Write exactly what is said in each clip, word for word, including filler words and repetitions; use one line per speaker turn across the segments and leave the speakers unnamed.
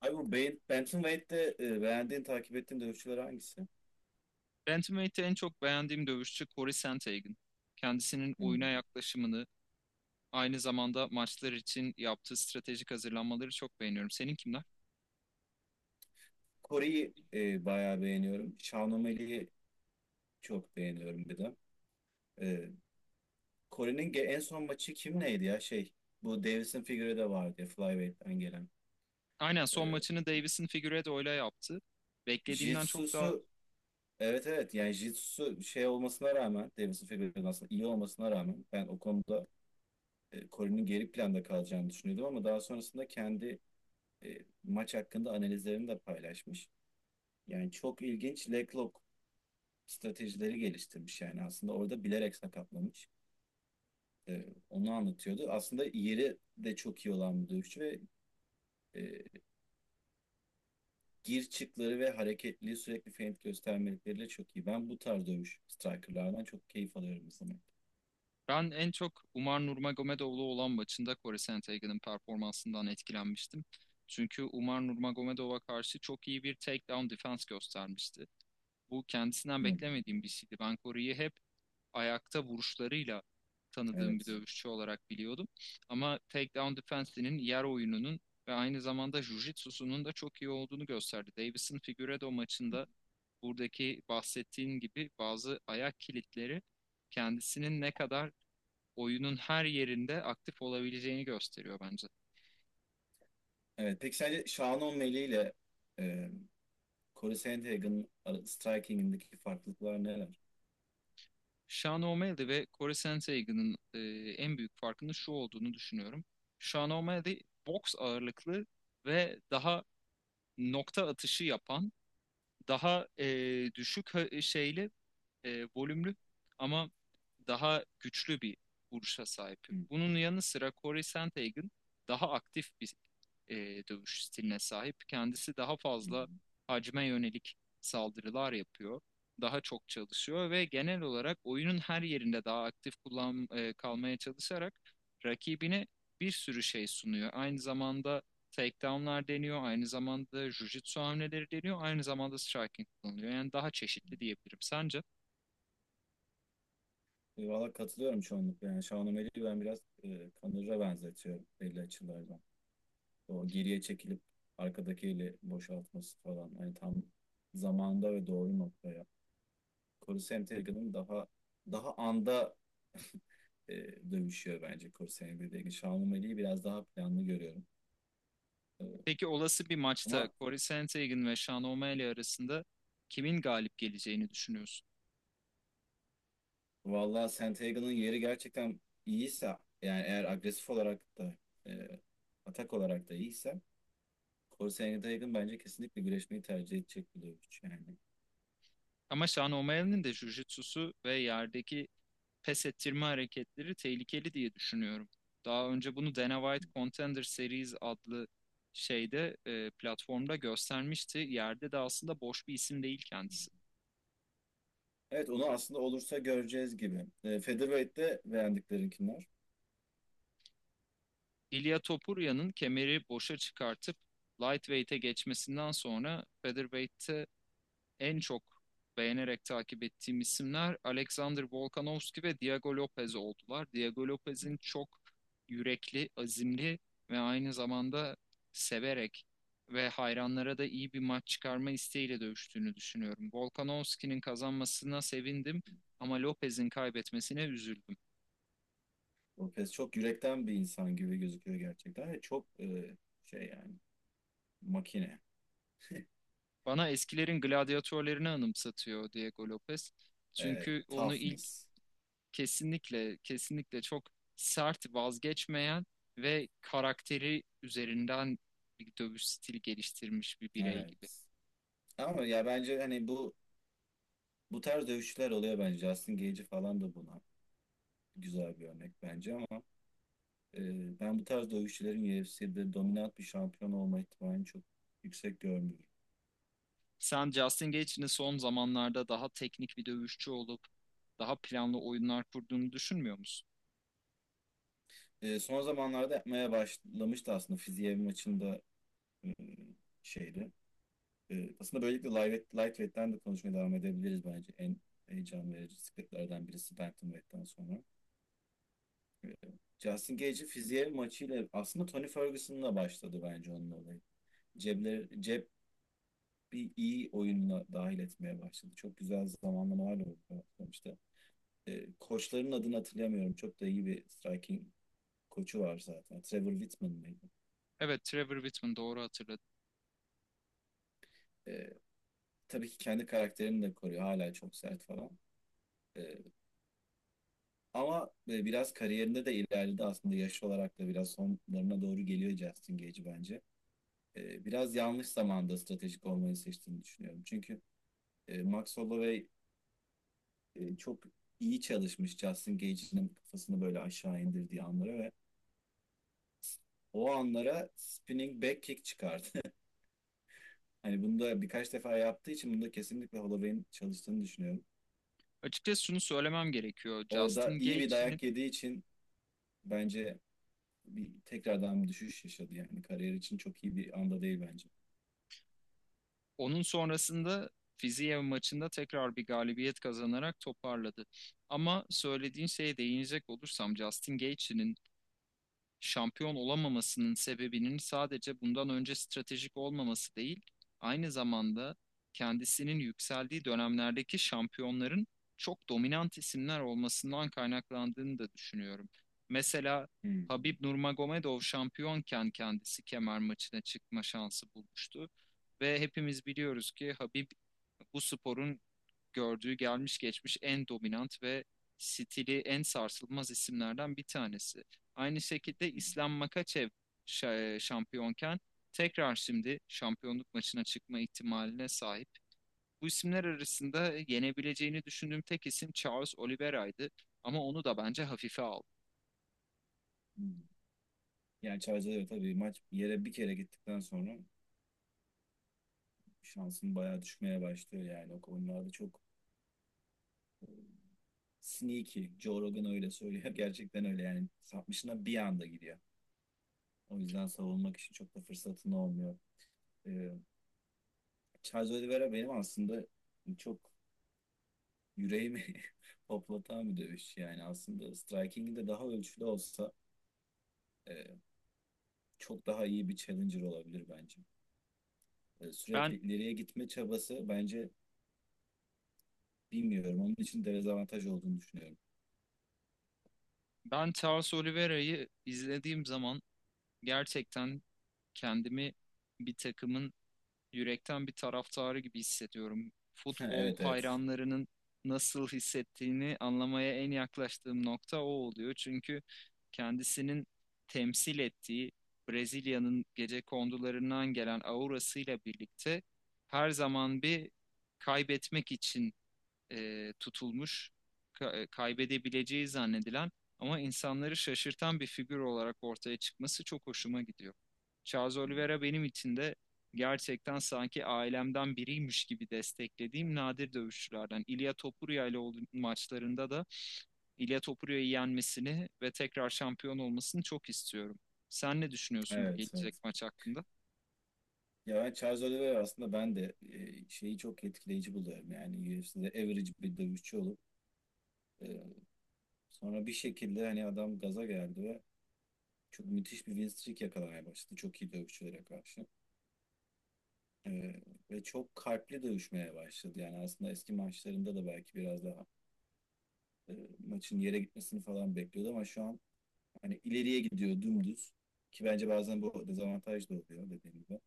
Abi bu Bey- Bantamweight'te e, beğendiğin, takip ettiğin dövüşçüler hangisi?
Bantamweight'te en çok beğendiğim dövüşçü Corey Sandhagen. Kendisinin oyuna
Hmm.
yaklaşımını, aynı zamanda maçlar için yaptığı stratejik hazırlanmaları çok beğeniyorum. Senin kimler?
Kore'yi e, bayağı beğeniyorum. Shawn çok beğeniyorum bir de. E, Kore'nin ge- en son maçı kim neydi ya? Şey, bu Davison Figueiredo vardı ya, Flyweight'ten gelen.
Aynen son
E,
maçını Davis'in Figueiredo'yla yaptı. Beklediğimden çok daha
Jitsu'su, evet evet, yani Jitsu'su şey olmasına rağmen, Davison Figueiredo'nun aslında iyi olmasına rağmen ben o konuda e, Kore'nin geri planda kalacağını düşünüyordum, ama daha sonrasında kendi e, maç hakkında analizlerini de paylaşmış. Yani çok ilginç Blacklock stratejileri geliştirmiş, yani aslında orada bilerek sakatlamış. Ee, onu anlatıyordu. Aslında yeri de çok iyi olan bir dövüşçü ve e, gir çıkları ve hareketliliği sürekli feint göstermelikleriyle çok iyi. Ben bu tarz dövüş strikerlardan çok keyif alıyorum sanırım.
ben en çok Umar Nurmagomedov'la olan maçında Corey Sandhagen'ın performansından etkilenmiştim. Çünkü Umar Nurmagomedov'a karşı çok iyi bir takedown defense göstermişti. Bu kendisinden
Hı.
beklemediğim bir şeydi. Ben Corey'i hep ayakta vuruşlarıyla tanıdığım bir
Evet.
dövüşçü olarak biliyordum. Ama takedown defense'inin, yer oyununun ve aynı zamanda jiu-jitsu'sunun da çok iyi olduğunu gösterdi. Davis'in Figueiredo maçında buradaki bahsettiğin gibi bazı ayak kilitleri kendisinin ne kadar oyunun her yerinde aktif olabileceğini gösteriyor bence.
Evet. Peki sence Sean O'Malley ile e, Corey Sandhagen'ın ara- striking'indeki farklılıklar neler?
Sean O'Malley ve Corey Sandhagen'ın e, en büyük farkının şu olduğunu düşünüyorum. Sean O'Malley boks ağırlıklı ve daha nokta atışı yapan, daha e, düşük şeyli, e, volümlü ama daha güçlü bir vuruşa sahip.
Hı,
Bunun yanı sıra Corey Sandhagen daha aktif bir e, dövüş stiline sahip. Kendisi daha
hı.
fazla hacme yönelik saldırılar yapıyor. Daha çok çalışıyor ve genel olarak oyunun her yerinde daha aktif kullan, e, kalmaya çalışarak rakibine bir sürü şey sunuyor. Aynı zamanda takedownlar deniyor, aynı zamanda jiu-jitsu hamleleri deniyor, aynı zamanda striking kullanılıyor. Yani daha çeşitli diyebilirim. Sence?
E, Valla katılıyorum çoğunlukla. Yani Şahnameli'yi ben biraz e, Kanır'a benzetiyorum belli açılardan. O geriye çekilip arkadaki eli boşaltması falan. Hani tam zamanda ve doğru noktaya. Korusem Tergan'ın daha daha anda e, dövüşüyor bence Korusem Tergan. Şahnameli'yi biraz daha planlı görüyorum. E,
Peki olası bir maçta
ama
Corey Sandhagen ve Sean O'Malley arasında kimin galip geleceğini düşünüyorsun?
valla Sentegan'ın yeri gerçekten iyiyse, yani eğer agresif olarak da e, atak olarak da iyiyse, Korsen Yatay'ın bence kesinlikle güreşmeyi tercih edecek bir dövüşçü yani.
Ama Sean O'Malley'nin de jujitsusu ve yerdeki pes ettirme hareketleri tehlikeli diye düşünüyorum. Daha önce bunu Dana White Contender Series adlı şeyde, e, platformda göstermişti. Yerde de aslında boş bir isim değil kendisi.
Evet, onu aslında olursa göreceğiz gibi. E, Featherweight'te beğendiklerinkiler.
Ilia Topuria'nın kemeri boşa çıkartıp lightweight'e geçmesinden sonra featherweight'te en çok beğenerek takip ettiğim isimler Alexander Volkanovski ve Diego Lopez oldular. Diego Lopez'in çok yürekli, azimli ve aynı zamanda severek ve hayranlara da iyi bir maç çıkarma isteğiyle dövüştüğünü düşünüyorum. Volkanovski'nin kazanmasına sevindim ama Lopez'in kaybetmesine üzüldüm.
Lopez çok yürekten bir insan gibi gözüküyor gerçekten. Ve çok e, şey yani makine.
Bana eskilerin gladyatörlerini anımsatıyor Diego Lopez.
E,
Çünkü onu ilk
toughness.
kesinlikle, kesinlikle çok sert, vazgeçmeyen ve karakteri üzerinden bir dövüş stili geliştirmiş bir birey gibi.
Evet. Ama ya bence hani bu bu tarz dövüşçüler oluyor bence. Justin Gaethje falan da buna güzel bir örnek bence, ama e, ben bu tarz dövüşçülerin U F C'de dominant bir şampiyon olma ihtimalini çok yüksek görmüyorum.
Sen Justin Gaethje'nin son zamanlarda daha teknik bir dövüşçü olup daha planlı oyunlar kurduğunu düşünmüyor musun?
E, son zamanlarda yapmaya başlamıştı aslında. Fiziev maçında e, şeydi. Ee, aslında böylelikle light, lightweight'ten de konuşmaya devam edebiliriz bence. En heyecan verici sıklıklardan birisi bantamweight'ten sonra. Ee, Justin Gage'in fiziğe maçıyla aslında Tony Ferguson'la başladı bence onun olayı. Cebler, cep bir iyi oyununa dahil etmeye başladı. Çok güzel zamanlamalarla başlamıştı. Ee, koçların adını hatırlamıyorum. Çok da iyi bir striking koçu var zaten. Trevor Whitman mıydı?
Evet, Trevor Whitman doğru hatırladın.
Ee, tabii ki kendi karakterini de koruyor. Hala çok sert falan. Ee, Ama e, biraz kariyerinde de ilerledi, aslında yaş olarak da biraz sonlarına doğru geliyor Justin Gage bence. E, Biraz yanlış zamanda stratejik olmayı seçtiğini düşünüyorum. Çünkü e, Max Holloway e, çok iyi çalışmış Justin Gage'in kafasını böyle aşağı indirdiği anlara, ve o anlara spinning back kick çıkardı. Hani bunu da birkaç defa yaptığı için, bunda kesinlikle Holloway'in çalıştığını düşünüyorum.
Açıkçası şunu söylemem gerekiyor.
Orada
Justin
iyi bir
Gaethje'nin
dayak yediği için bence bir tekrardan bir düşüş yaşadı, yani kariyer için çok iyi bir anda değil bence.
onun sonrasında Fiziev maçında tekrar bir galibiyet kazanarak toparladı. Ama söylediğin şeye değinecek olursam Justin Gaethje'nin şampiyon olamamasının sebebinin sadece bundan önce stratejik olmaması değil, aynı zamanda kendisinin yükseldiği dönemlerdeki şampiyonların çok dominant isimler olmasından kaynaklandığını da düşünüyorum. Mesela
Hmm.
Habib Nurmagomedov şampiyonken kendisi kemer maçına çıkma şansı bulmuştu ve hepimiz biliyoruz ki Habib bu sporun gördüğü gelmiş geçmiş en dominant ve stili en sarsılmaz isimlerden bir tanesi. Aynı şekilde
Hmm.
İslam Makaçev şa- e, şampiyonken tekrar şimdi şampiyonluk maçına çıkma ihtimaline sahip. Bu isimler arasında yenebileceğini düşündüğüm tek isim Charles Oliveira'ydı ama onu da bence hafife aldı.
Hmm. Yani Çayca'da tabii maç yere bir kere gittikten sonra şansın bayağı düşmeye başlıyor, yani o konularda çok sneaky. Joe Rogan öyle söylüyor. Gerçekten öyle, yani sapmışına bir anda gidiyor. O yüzden savunmak için çok da fırsatın olmuyor. Ee, Charles Oliveira benim aslında çok yüreğimi hoplatan bir dövüş. Yani aslında striking'i de daha ölçülü olsa e, çok daha iyi bir challenger olabilir bence. E, sürekli
Ben
ileriye gitme çabası bence bilmiyorum. Onun için dezavantaj olduğunu düşünüyorum.
ben Charles Oliveira'yı izlediğim zaman gerçekten kendimi bir takımın yürekten bir taraftarı gibi hissediyorum. Futbol
Evet, evet.
hayranlarının nasıl hissettiğini anlamaya en yaklaştığım nokta o oluyor. Çünkü kendisinin temsil ettiği Brezilya'nın gecekondularından gelen aurasıyla birlikte her zaman bir kaybetmek için e, tutulmuş, ka- kaybedebileceği zannedilen ama insanları şaşırtan bir figür olarak ortaya çıkması çok hoşuma gidiyor. Charles Oliveira benim için de gerçekten sanki ailemden biriymiş gibi desteklediğim nadir dövüşçülerden. İlia Topuria ile olduğu maçlarında da İlia Topuria'yı yenmesini ve tekrar şampiyon olmasını çok istiyorum. Sen ne düşünüyorsun bu
Evet,
gelecek
evet.
maç hakkında?
Ya ben Charles Oliveira, aslında ben de e, şeyi çok etkileyici buluyorum. Yani U F C'de average bir dövüşçü olup e, sonra bir şekilde hani adam gaza geldi ve çok müthiş bir win streak yakalamaya başladı. Çok iyi dövüşçülere karşı. E, ve çok kalpli dövüşmeye başladı. Yani aslında eski maçlarında da belki biraz daha e, maçın yere gitmesini falan bekliyordu, ama şu an hani ileriye gidiyor dümdüz. Ki bence bazen bu dezavantaj da oluyor, dediğim gibi.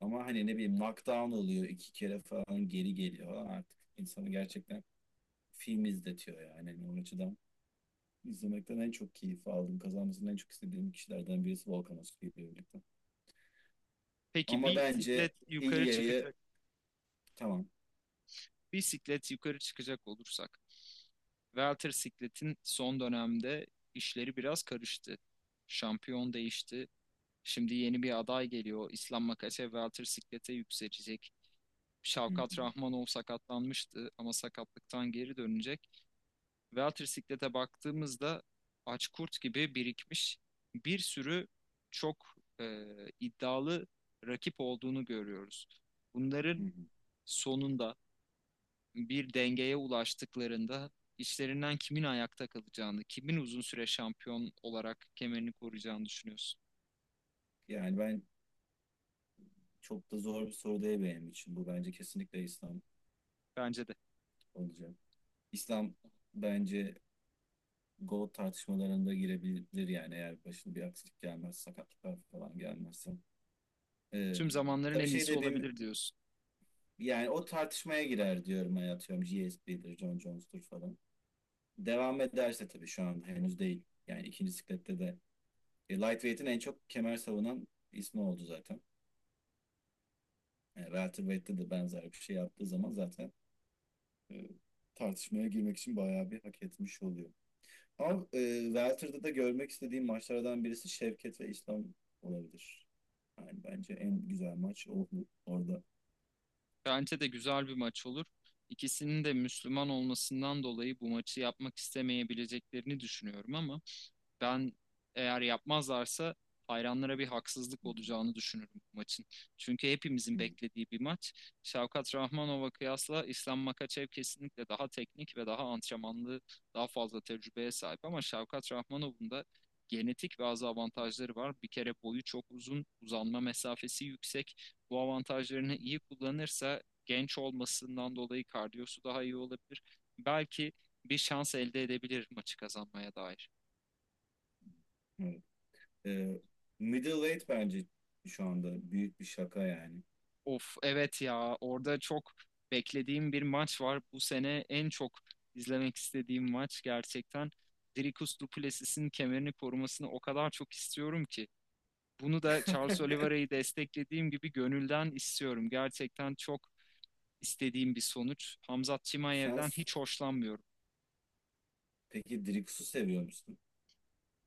Ama hani ne bileyim, knockdown oluyor iki kere falan, geri geliyor falan, artık insanı gerçekten film izletiyor yani. Hani o açıdan izlemekten en çok keyif aldım. Kazanmasını en çok istediğim kişilerden birisi Volkan Öztürk ile birlikte.
Peki
Ama
bir
bence
siklet yukarı
İlya'yı
çıkacak,
tamam.
bir siklet yukarı çıkacak olursak. Walter Siklet'in son dönemde işleri biraz karıştı. Şampiyon değişti. Şimdi yeni bir aday geliyor. İslam Makase Walter Siklet'e yükselecek.
Hı
Şavkat
hı.
Rahmanov sakatlanmıştı ama sakatlıktan geri dönecek. Walter Siklet'e baktığımızda aç kurt gibi birikmiş bir sürü çok e, iddialı rakip olduğunu görüyoruz.
Hı
Bunların
hı.
sonunda bir dengeye ulaştıklarında işlerinden kimin ayakta kalacağını, kimin uzun süre şampiyon olarak kemerini koruyacağını düşünüyorsun.
Yani ben, çok da zor bir soru değil benim için. Bu bence kesinlikle İslam
Bence de.
olacak. İslam bence gol tartışmalarında girebilir, yani eğer başına bir aksilik gelmez, sakatlıklar falan gelmezse. Ee,
Tüm zamanların
Tabii
en
şey
iyisi
de benim,
olabilir diyorsun.
yani o tartışmaya girer diyorum hani, atıyorum G S P'dir, John Jones'tur falan. Devam ederse tabii, şu an henüz değil. Yani ikinci siklette de. E, Lightweight'in en çok kemer savunan ismi oldu zaten. E, Welterweight'te de benzer bir şey yaptığı zaman zaten e, tartışmaya girmek için bayağı bir hak etmiş oluyor. Ama e, Welter'da da görmek istediğim maçlardan birisi Şevket ve İslam olabilir. Yani bence en güzel maç o orada.
Bence de güzel bir maç olur. İkisinin de Müslüman olmasından dolayı bu maçı yapmak istemeyebileceklerini düşünüyorum ama ben eğer yapmazlarsa hayranlara bir haksızlık
Hı.
olacağını düşünürüm bu maçın. Çünkü hepimizin beklediği bir maç. Şavkat Rahmanov'a kıyasla İslam Makaçev kesinlikle daha teknik ve daha antrenmanlı, daha fazla tecrübeye sahip. Ama Şavkat Rahmanov'un da genetik bazı avantajları var. Bir kere boyu çok uzun, uzanma mesafesi yüksek. Bu avantajlarını iyi kullanırsa genç olmasından dolayı kardiyosu daha iyi olabilir. Belki bir şans elde edebilir maçı kazanmaya dair.
Evet. E, middleweight bence şu anda büyük bir şaka yani.
Of evet ya orada çok beklediğim bir maç var. Bu sene en çok izlemek istediğim maç gerçekten. Dricus du Plessis'in kemerini korumasını o kadar çok istiyorum ki. Bunu da Charles Oliveira'yı desteklediğim gibi gönülden istiyorum. Gerçekten çok istediğim bir sonuç. Hamzat
Sen
Chimaev'den
s-
hiç hoşlanmıyorum.
peki Drix'u seviyor musun?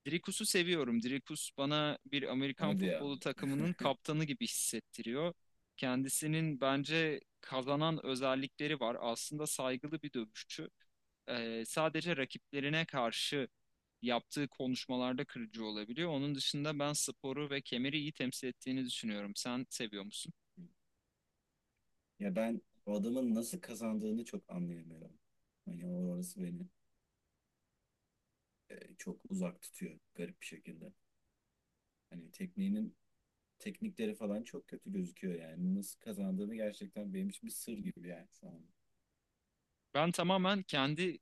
Dricus'u seviyorum. Dricus bana bir Amerikan
Hadi ya.
futbolu takımının kaptanı gibi hissettiriyor. Kendisinin bence kazanan özellikleri var. Aslında saygılı bir dövüşçü. Ee, sadece rakiplerine karşı yaptığı konuşmalarda kırıcı olabiliyor. Onun dışında ben sporu ve kemeri iyi temsil ettiğini düşünüyorum. Sen seviyor musun?
Ya ben o adamın nasıl kazandığını çok anlayamıyorum. Hani orası beni e, çok uzak tutuyor garip bir şekilde. Hani tekniğinin teknikleri falan çok kötü gözüküyor yani. Nasıl kazandığını gerçekten benim için bir sır gibi, yani şu an.
Ben tamamen kendi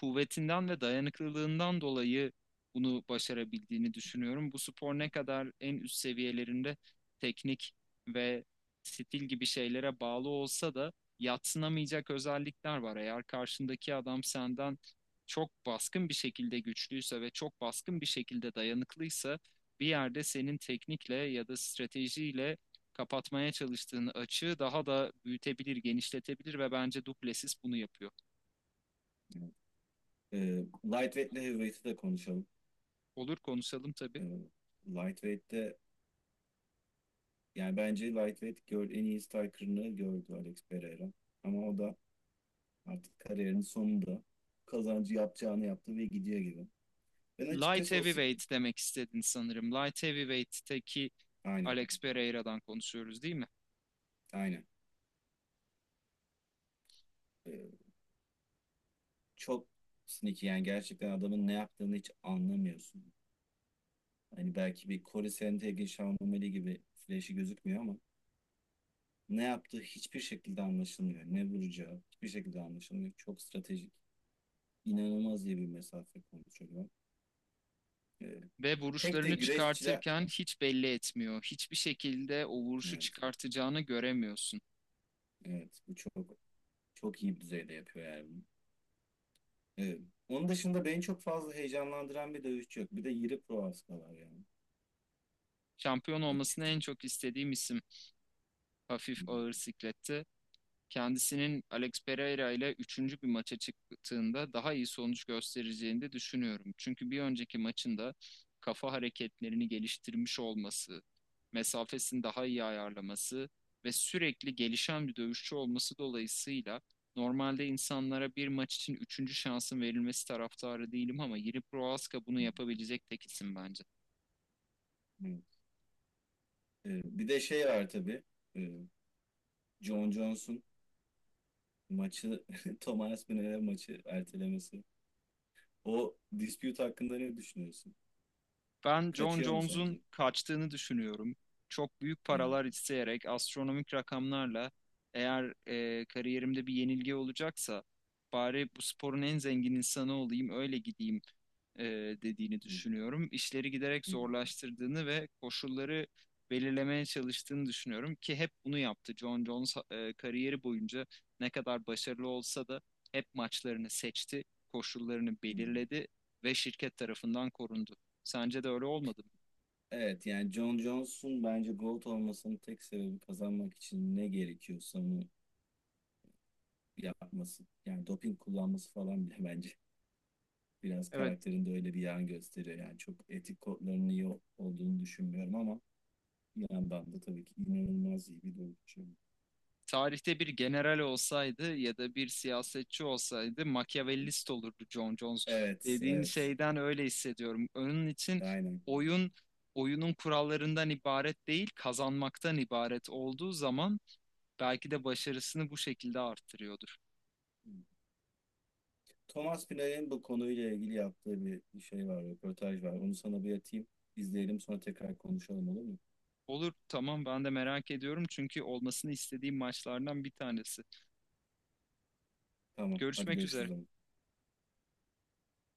kuvvetinden ve dayanıklılığından dolayı bunu başarabildiğini düşünüyorum. Bu spor ne kadar en üst seviyelerinde teknik ve stil gibi şeylere bağlı olsa da yadsınamayacak özellikler var. Eğer karşındaki adam senden çok baskın bir şekilde güçlüyse ve çok baskın bir şekilde dayanıklıysa bir yerde senin teknikle ya da stratejiyle kapatmaya çalıştığın açığı daha da büyütebilir, genişletebilir ve bence Duplessis bunu yapıyor.
Evet. E, Lightweight ile Heavyweight'i de konuşalım.
Olur konuşalım tabii.
E, Lightweight'te yani bence Lightweight gör, en iyi striker'ını gördü Alex Pereira. Ama o da artık kariyerinin sonunda kazancı yapacağını yaptı ve gidiyor gibi. Ben
Light
açıkçası o sik-
heavyweight demek istedin sanırım. Light heavyweight'teki
aynen.
Alex Pereira'dan konuşuyoruz değil mi?
Aynen. E, çok sneaky, yani gerçekten adamın ne yaptığını hiç anlamıyorsun. Hani belki bir Corey Sandhagen, Sean O'Malley gibi flash'i gözükmüyor ama ne yaptığı hiçbir şekilde anlaşılmıyor. Ne vuracağı hiçbir şekilde anlaşılmıyor. Çok stratejik. İnanılmaz iyi bir mesafe kontrolü. Ee,
Ve
pek de
vuruşlarını
güreşçiler...
çıkartırken hiç belli etmiyor. Hiçbir şekilde o vuruşu
Evet,
çıkartacağını göremiyorsun.
evet, bu çok çok iyi bir düzeyde yapıyor yani bunu. Evet. Onun dışında beni çok fazla heyecanlandıran bir dövüşçü yok. Bir de Yuri Prohaska var yani
Şampiyon olmasını
açıkçası.
en çok istediğim isim hafif
Hı hı.
ağır siklette kendisinin Alex Pereira ile üçüncü bir maça çıktığında daha iyi sonuç göstereceğini de düşünüyorum. Çünkü bir önceki maçında kafa hareketlerini geliştirmiş olması, mesafesini daha iyi ayarlaması ve sürekli gelişen bir dövüşçü olması dolayısıyla normalde insanlara bir maç için üçüncü şansın verilmesi taraftarı değilim ama Yuri Prohaska bunu
Hı.
yapabilecek tek isim bence.
Hı. Evet. Ee, bir de şey var tabii. Ee, John Jones'un maçı, Thomas Müller maçı ertelemesi. O dispute hakkında ne düşünüyorsun?
Ben John
Kaçıyor mu
Jones'un
sence?
kaçtığını düşünüyorum. Çok büyük
Evet.
paralar isteyerek astronomik rakamlarla eğer e, kariyerimde bir yenilgi olacaksa bari bu sporun en zengin insanı olayım öyle gideyim, e, dediğini
Hı.
düşünüyorum. İşleri giderek
Hı.
zorlaştırdığını ve koşulları belirlemeye çalıştığını düşünüyorum ki hep bunu yaptı. John Jones e, kariyeri boyunca ne kadar başarılı olsa da hep maçlarını seçti, koşullarını
Hı.
belirledi ve şirket tarafından korundu. Sence de öyle olmadı mı?
Evet, yani John Jones'un bence GOAT olmasının tek sebebi kazanmak için ne gerekiyorsa onu yapması. Yani doping kullanması falan bile bence biraz
Evet,
karakterinde öyle bir yan gösteriyor. Yani çok etik kodlarının iyi olduğunu düşünmüyorum, ama bir yandan da tabii ki inanılmaz iyi bir dövüşçü.
tarihte bir general olsaydı ya da bir siyasetçi olsaydı Machiavellist olurdu John Jones.
Evet,
Dediğin
evet.
şeyden öyle hissediyorum. Onun için
Aynen.
oyun oyunun kurallarından ibaret değil, kazanmaktan ibaret olduğu zaman belki de başarısını bu şekilde arttırıyordur.
Thomas Pynar'ın bu konuyla ilgili yaptığı bir bir şey var, röportaj var. Onu sana bir atayım, izleyelim sonra tekrar konuşalım, olur mu?
Olur, tamam ben de merak ediyorum çünkü olmasını istediğim maçlardan bir tanesi.
Tamam, hadi
Görüşmek
görüşürüz o
üzere.
zaman.